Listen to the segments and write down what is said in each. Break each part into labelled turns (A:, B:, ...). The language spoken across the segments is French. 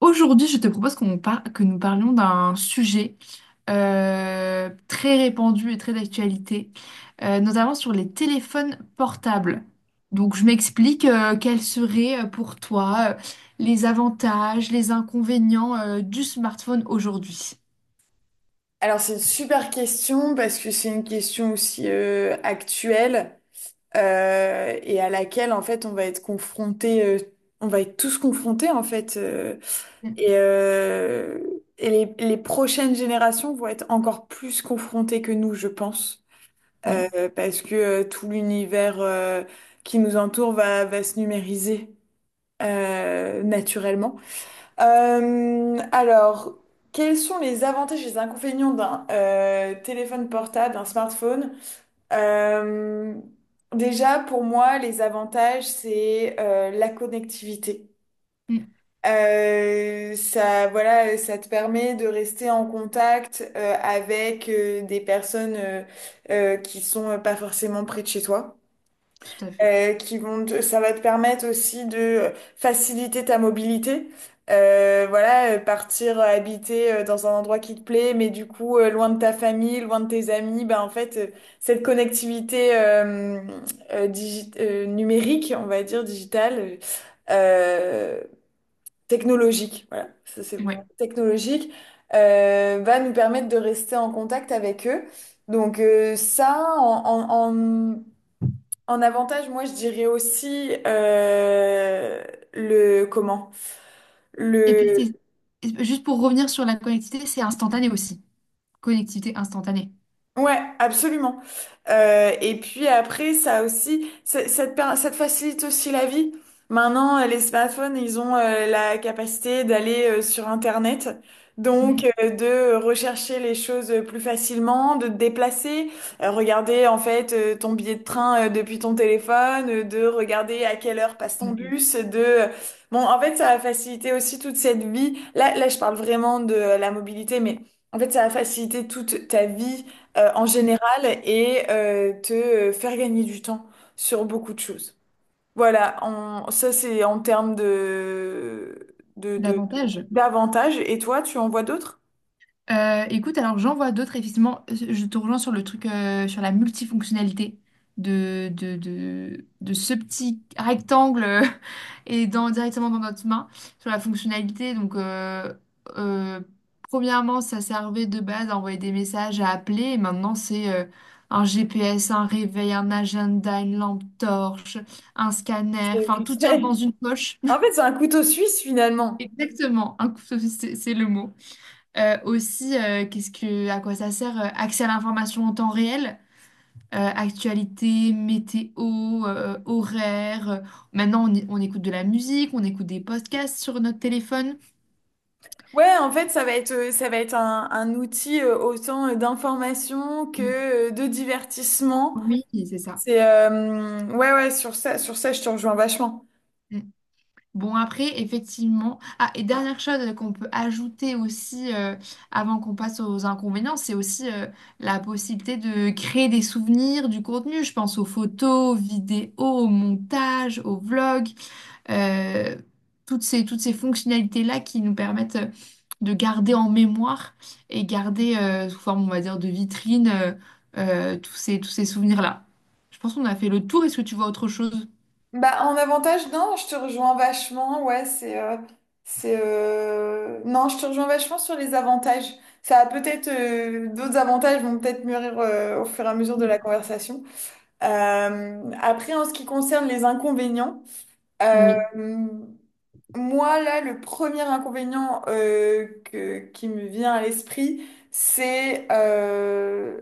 A: Aujourd'hui, je te propose que nous parlions d'un sujet très répandu et très d'actualité, notamment sur les téléphones portables. Donc, je m'explique, quels seraient, pour toi, les avantages, les inconvénients du smartphone aujourd'hui.
B: Alors c'est une super question parce que c'est une question aussi actuelle et à laquelle en fait on va être confronté, on va être tous confrontés en fait
A: Mm.
B: et, euh, et les prochaines générations vont être encore plus confrontées que nous je pense
A: Oui.
B: parce que tout l'univers qui nous entoure va se numériser naturellement. Alors, quels sont les avantages et les inconvénients d'un téléphone portable, d'un smartphone? Euh, Déjà, pour moi, les avantages, c'est la connectivité.
A: Mm,
B: Ça, voilà, ça te permet de rester en contact avec des personnes qui sont pas forcément près de chez toi
A: tout à fait.
B: ça va te permettre aussi de faciliter ta mobilité. Voilà, partir habiter dans un endroit qui te plaît, mais du coup loin de ta famille, loin de tes amis, ben en fait cette connectivité numérique, on va dire digitale, euh, technologique, voilà, ça c'est bon,
A: Ouais.
B: technologique, va nous permettre de rester en contact avec eux. Donc ça, en, en avantage, moi, je dirais aussi le comment? Mm.
A: Et puis,
B: Le,
A: juste pour revenir sur la connectivité, c'est instantané aussi. Connectivité instantanée.
B: ouais, absolument. Et puis après, ça aussi, ça te facilite aussi la vie. Maintenant, les smartphones, ils ont la capacité d'aller sur Internet, donc
A: Mm,
B: de rechercher les choses plus facilement, de te déplacer, regarder en fait ton billet de train depuis ton téléphone, de regarder à quelle heure passe
A: tout
B: ton
A: à fait.
B: bus, bon, en fait, ça va faciliter aussi toute cette vie. Là, je parle vraiment de la mobilité, mais... En fait, ça a facilité toute ta vie en
A: Mm.
B: général et te faire gagner du temps sur beaucoup de choses. Voilà, ça c'est en termes
A: Davantage.
B: d'avantages. Et toi, tu en vois d'autres?
A: Écoute, alors j'en vois d'autres, effectivement. Je te rejoins sur le truc, sur la multifonctionnalité de ce petit rectangle et directement dans notre main, sur la fonctionnalité. Donc, euh, premièrement, ça servait de base à envoyer des messages, à appeler. Et maintenant, c'est un GPS, un réveil, un agenda, une lampe torche, un scanner.
B: Des
A: Enfin, tout tient dans
B: conseils.
A: une poche.
B: En fait, c'est un couteau suisse finalement.
A: Exactement, un couteau, c'est le mot. Aussi, à quoi ça sert? Accès à l'information en temps réel, actualité, météo, horaire. Maintenant, on écoute de la musique, on écoute des podcasts sur notre téléphone.
B: Ouais, en fait, ça va être un outil autant d'information que de divertissement.
A: Oui, c'est ça.
B: C'est ouais, sur ça, je te rejoins vachement.
A: Mm. Bon, après, effectivement. Ah, et dernière chose qu'on peut ajouter aussi, avant qu'on passe aux inconvénients, c'est aussi, la possibilité de créer des souvenirs, du contenu. Je pense aux photos, aux vidéos, au montage, aux vlogs. euh, Toutes ces fonctionnalités-là qui nous permettent de garder en mémoire et garder, sous forme, on va dire, de vitrine, tous ces souvenirs-là. Je pense qu'on a fait le tour. Est-ce que tu vois autre chose?
B: Bah, en avantage, non, je te rejoins vachement. Ouais, c'est. C'est non, je te rejoins vachement sur les avantages. Ça a peut-être. D'autres avantages vont peut-être mûrir au fur et à mesure de la
A: Oui.
B: conversation. Après, en ce qui concerne les inconvénients, euh,
A: Oui.
B: moi, là, le premier inconvénient qui me vient à l'esprit, c'est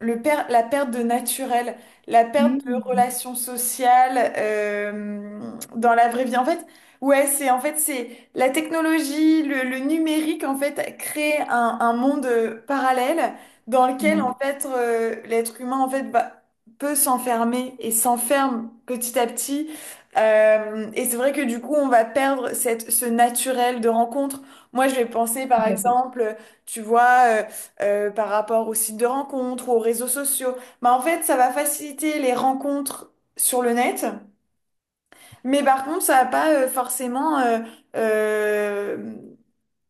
B: la perte de naturel, la perte de
A: Mm.
B: relations sociales dans la vraie vie. En fait, ouais, c'est en fait c'est la technologie, le numérique, en fait, crée un monde parallèle dans lequel, en
A: Oui,
B: fait, l'être humain, en fait, bah, peut s'enfermer et s'enferme petit à petit et c'est vrai que du coup, on va perdre ce naturel de rencontre. Moi, je vais penser,
A: tout
B: par
A: à fait.
B: exemple, tu vois, par rapport aux sites de rencontres, aux réseaux sociaux. Bah, en fait, ça va faciliter les rencontres sur le net, mais par contre, ça va pas forcément euh,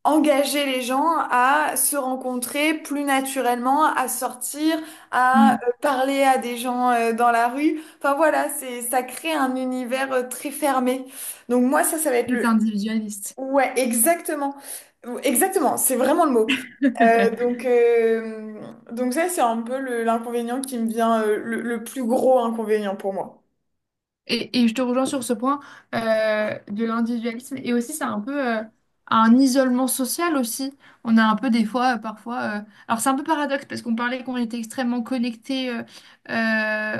B: engager les gens à se rencontrer plus naturellement, à sortir, à
A: Mm.
B: parler à des gens dans la rue. Enfin voilà, c'est ça crée un univers très fermé. Donc moi ça va être
A: Très
B: le
A: individualiste.
B: ouais, exactement. Exactement, c'est vraiment le mot. Euh, donc, euh, donc ça, c'est un peu l'inconvénient qui me vient, le plus gros inconvénient pour moi.
A: Et je te rejoins sur ce point, de l'individualisme. Et aussi, c'est un peu, un isolement social aussi. On a un peu des fois, parfois. Alors, c'est un peu paradoxe parce qu'on parlait qu'on était extrêmement connecté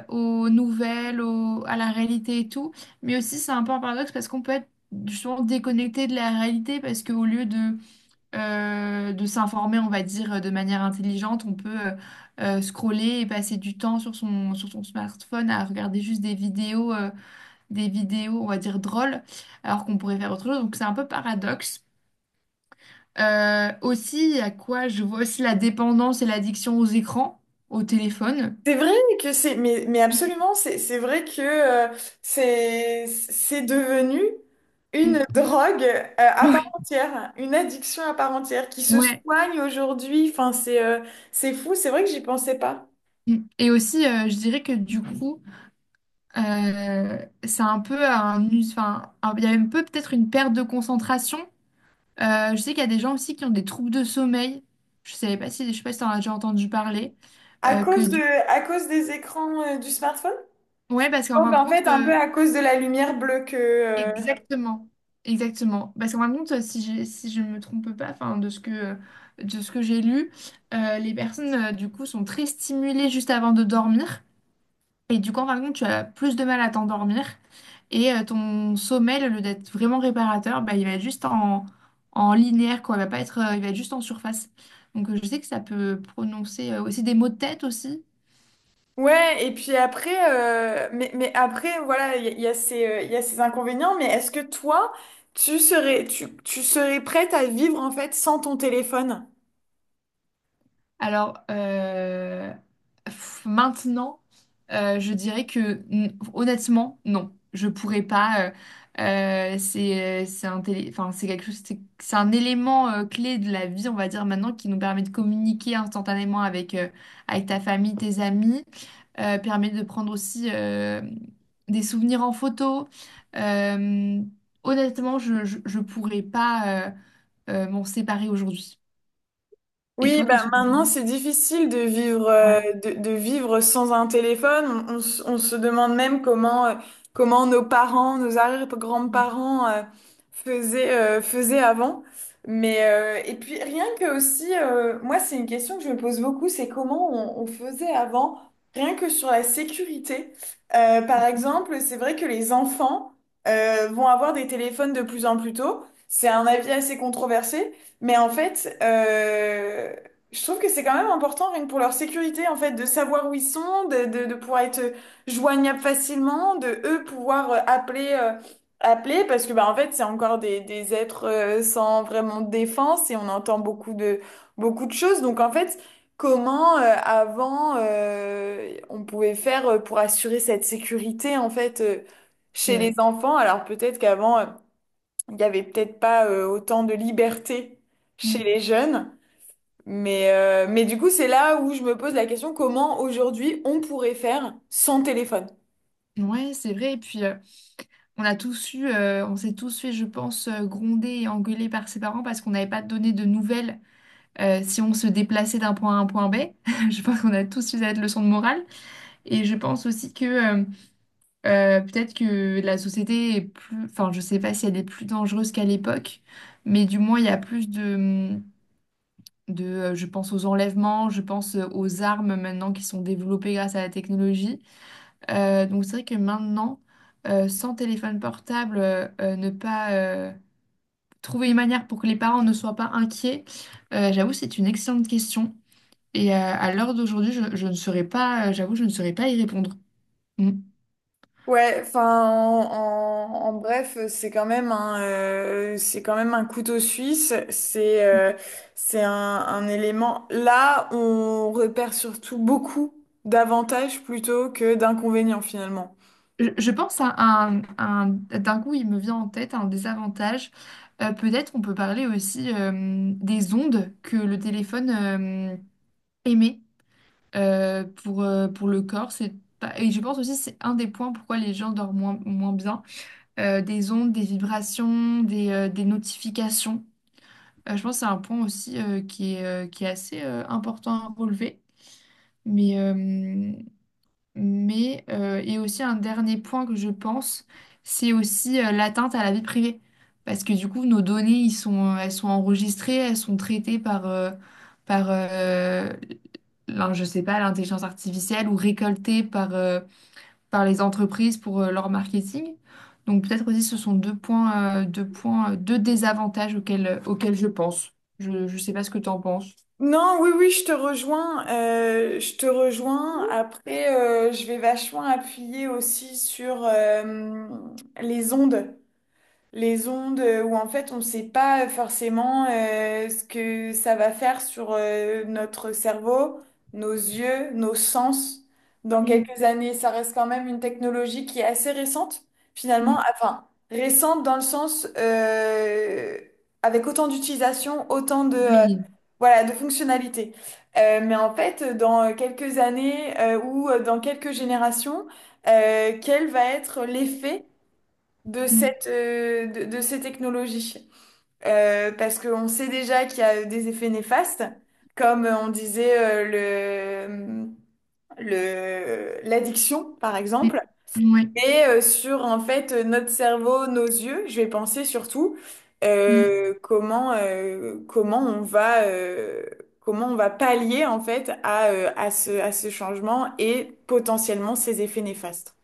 A: aux nouvelles, à la réalité et tout. Mais aussi, c'est un peu un paradoxe parce qu'on peut être justement déconnecté de la réalité parce qu'au lieu de s'informer, on va dire, de manière intelligente, on peut. Scroller et passer du temps sur sur son smartphone à regarder juste des vidéos, des vidéos, on va dire, drôles, alors qu'on pourrait faire autre chose. Donc c'est un peu paradoxe. Aussi, à quoi je vois aussi la dépendance et l'addiction aux écrans, au téléphone.
B: C'est vrai que c'est, mais
A: Oui.
B: absolument, c'est vrai que c'est devenu
A: Mm.
B: une drogue à part
A: Oui.
B: entière, une addiction à part entière qui se
A: Ouais.
B: soigne aujourd'hui. Enfin, c'est fou, c'est vrai que j'y pensais pas.
A: Mm. Et aussi, je dirais que du coup, c'est un peu un... il y a un peu peut-être une perte de concentration. Je sais qu'il y a des gens aussi qui ont des troubles de sommeil. Je savais pas si, je sais pas si t'en as déjà entendu parler.
B: À
A: Que
B: cause de,
A: du...
B: à cause des écrans du smartphone?
A: Ouais, parce qu'en
B: Donc
A: fin de
B: en
A: compte,
B: fait, un peu à cause de la lumière bleue que,
A: Exactement, exactement. Parce qu'en fin de compte, si je ne me trompe pas, enfin, de ce que j'ai lu, les personnes, du coup, sont très stimulées juste avant de dormir. Et du coup, en fin de compte, tu as plus de mal à t'endormir. Et ton sommeil, au lieu d'être vraiment réparateur, bah, il va être juste en, en linéaire, quoi. Il va pas il va être juste en surface. Donc, je sais que ça peut prononcer aussi des maux de tête aussi.
B: ouais, et puis après, mais après, voilà, il y a il y a ces inconvénients, mais est-ce que toi, tu serais prête à vivre en fait sans ton téléphone?
A: Alors, maintenant, je dirais que honnêtement, non, je pourrais pas. Enfin c'est quelque chose, c'est un élément clé de la vie, on va dire maintenant, qui nous permet de communiquer instantanément avec, avec ta famille, tes amis, permet de prendre aussi, des souvenirs en photo. Euh, honnêtement, je pourrais pas, m'en séparer aujourd'hui. Et
B: Oui,
A: toi,
B: bah
A: qu'est-ce que tu en
B: maintenant c'est
A: penses?
B: difficile de vivre
A: Ouais.
B: de vivre sans un téléphone. On se demande même comment comment nos parents, nos arrière-grands-parents faisaient faisaient avant. Mais et puis rien que aussi, moi c'est une question que je me pose beaucoup, c'est comment on faisait avant, rien que sur la sécurité. Par
A: Mm.
B: exemple, c'est vrai que les enfants vont avoir des téléphones de plus en plus tôt. C'est un avis assez controversé. Mais en fait, je trouve que c'est quand même important, rien que pour leur sécurité, en fait, de savoir où ils sont, de pouvoir être joignables facilement, de eux pouvoir appeler, appeler, parce que bah en fait, c'est encore des êtres sans vraiment de défense et on entend beaucoup de choses. Donc en fait, comment avant on pouvait faire pour assurer cette sécurité en fait
A: C'est
B: chez
A: vrai.
B: les enfants? Alors peut-être qu'avant il n'y avait peut-être pas autant de liberté chez
A: Mm.
B: les jeunes, mais du coup, c'est là où je me pose la question, comment aujourd'hui on pourrait faire sans téléphone?
A: Ouais, c'est vrai. Et puis, on a tous eu, on s'est tous fait, je pense, gronder et engueuler par ses parents parce qu'on n'avait pas donné de nouvelles, si on se déplaçait d'un point A à un point B. Je pense qu'on a tous eu cette leçon de morale. Et je pense aussi que peut-être que la société est plus, enfin, je sais pas si elle est plus dangereuse qu'à l'époque, mais du moins, il y a plus de. Je pense aux enlèvements, je pense, aux armes maintenant qui sont développées grâce à la technologie. Donc c'est vrai que maintenant, sans téléphone portable, ne pas trouver une manière pour que les parents ne soient pas inquiets, j'avoue, c'est une excellente question. Et à l'heure d'aujourd'hui, je ne saurais pas, j'avoue, je ne saurais pas y répondre. Mm.
B: Ouais, enfin, en bref, c'est quand même un, c'est quand même un couteau suisse. C'est un élément. Là, on repère surtout beaucoup d'avantages plutôt que d'inconvénients finalement.
A: Je pense à d'un coup, il me vient en tête un désavantage. Peut-être on peut parler aussi, des ondes que le téléphone émet. Pour le corps. C'est pas- Et je pense aussi c'est un des points pourquoi les gens dorment moins, moins bien. Des ondes, des vibrations, des notifications. Je pense que c'est un point aussi, qui est assez, important à relever. Mais, euh, et aussi un dernier point que je pense, c'est aussi, l'atteinte à la vie privée. Parce que du coup, nos données, elles sont enregistrées, elles sont traitées par je sais pas, l'intelligence artificielle ou récoltées par les entreprises pour, leur marketing. Donc peut-être aussi ce sont deux points, deux désavantages auxquels je pense. Je ne sais pas ce que tu en penses.
B: Non, oui, oui, je te rejoins. Euh, je te rejoins. Après, je vais vachement appuyer aussi sur les ondes. Les ondes où en fait on ne sait pas forcément ce que ça va faire sur notre cerveau, nos yeux, nos sens. Dans
A: Mm,
B: quelques années, ça reste quand même une technologie qui est assez récente, finalement.
A: mm.
B: Enfin, récente dans le sens avec autant d'utilisation,
A: Oui.
B: voilà, de fonctionnalités. Mais en fait, dans quelques années ou dans quelques générations, quel va être l'effet
A: Mm,
B: de ces technologies? Parce qu'on sait déjà qu'il y a des effets néfastes, comme on disait l'addiction, par
A: mm.
B: exemple.
A: Oui.
B: Et sur en fait notre cerveau, nos yeux, je vais penser surtout
A: Mm.
B: comment comment on va pallier en fait à, à ce changement et potentiellement ses effets néfastes.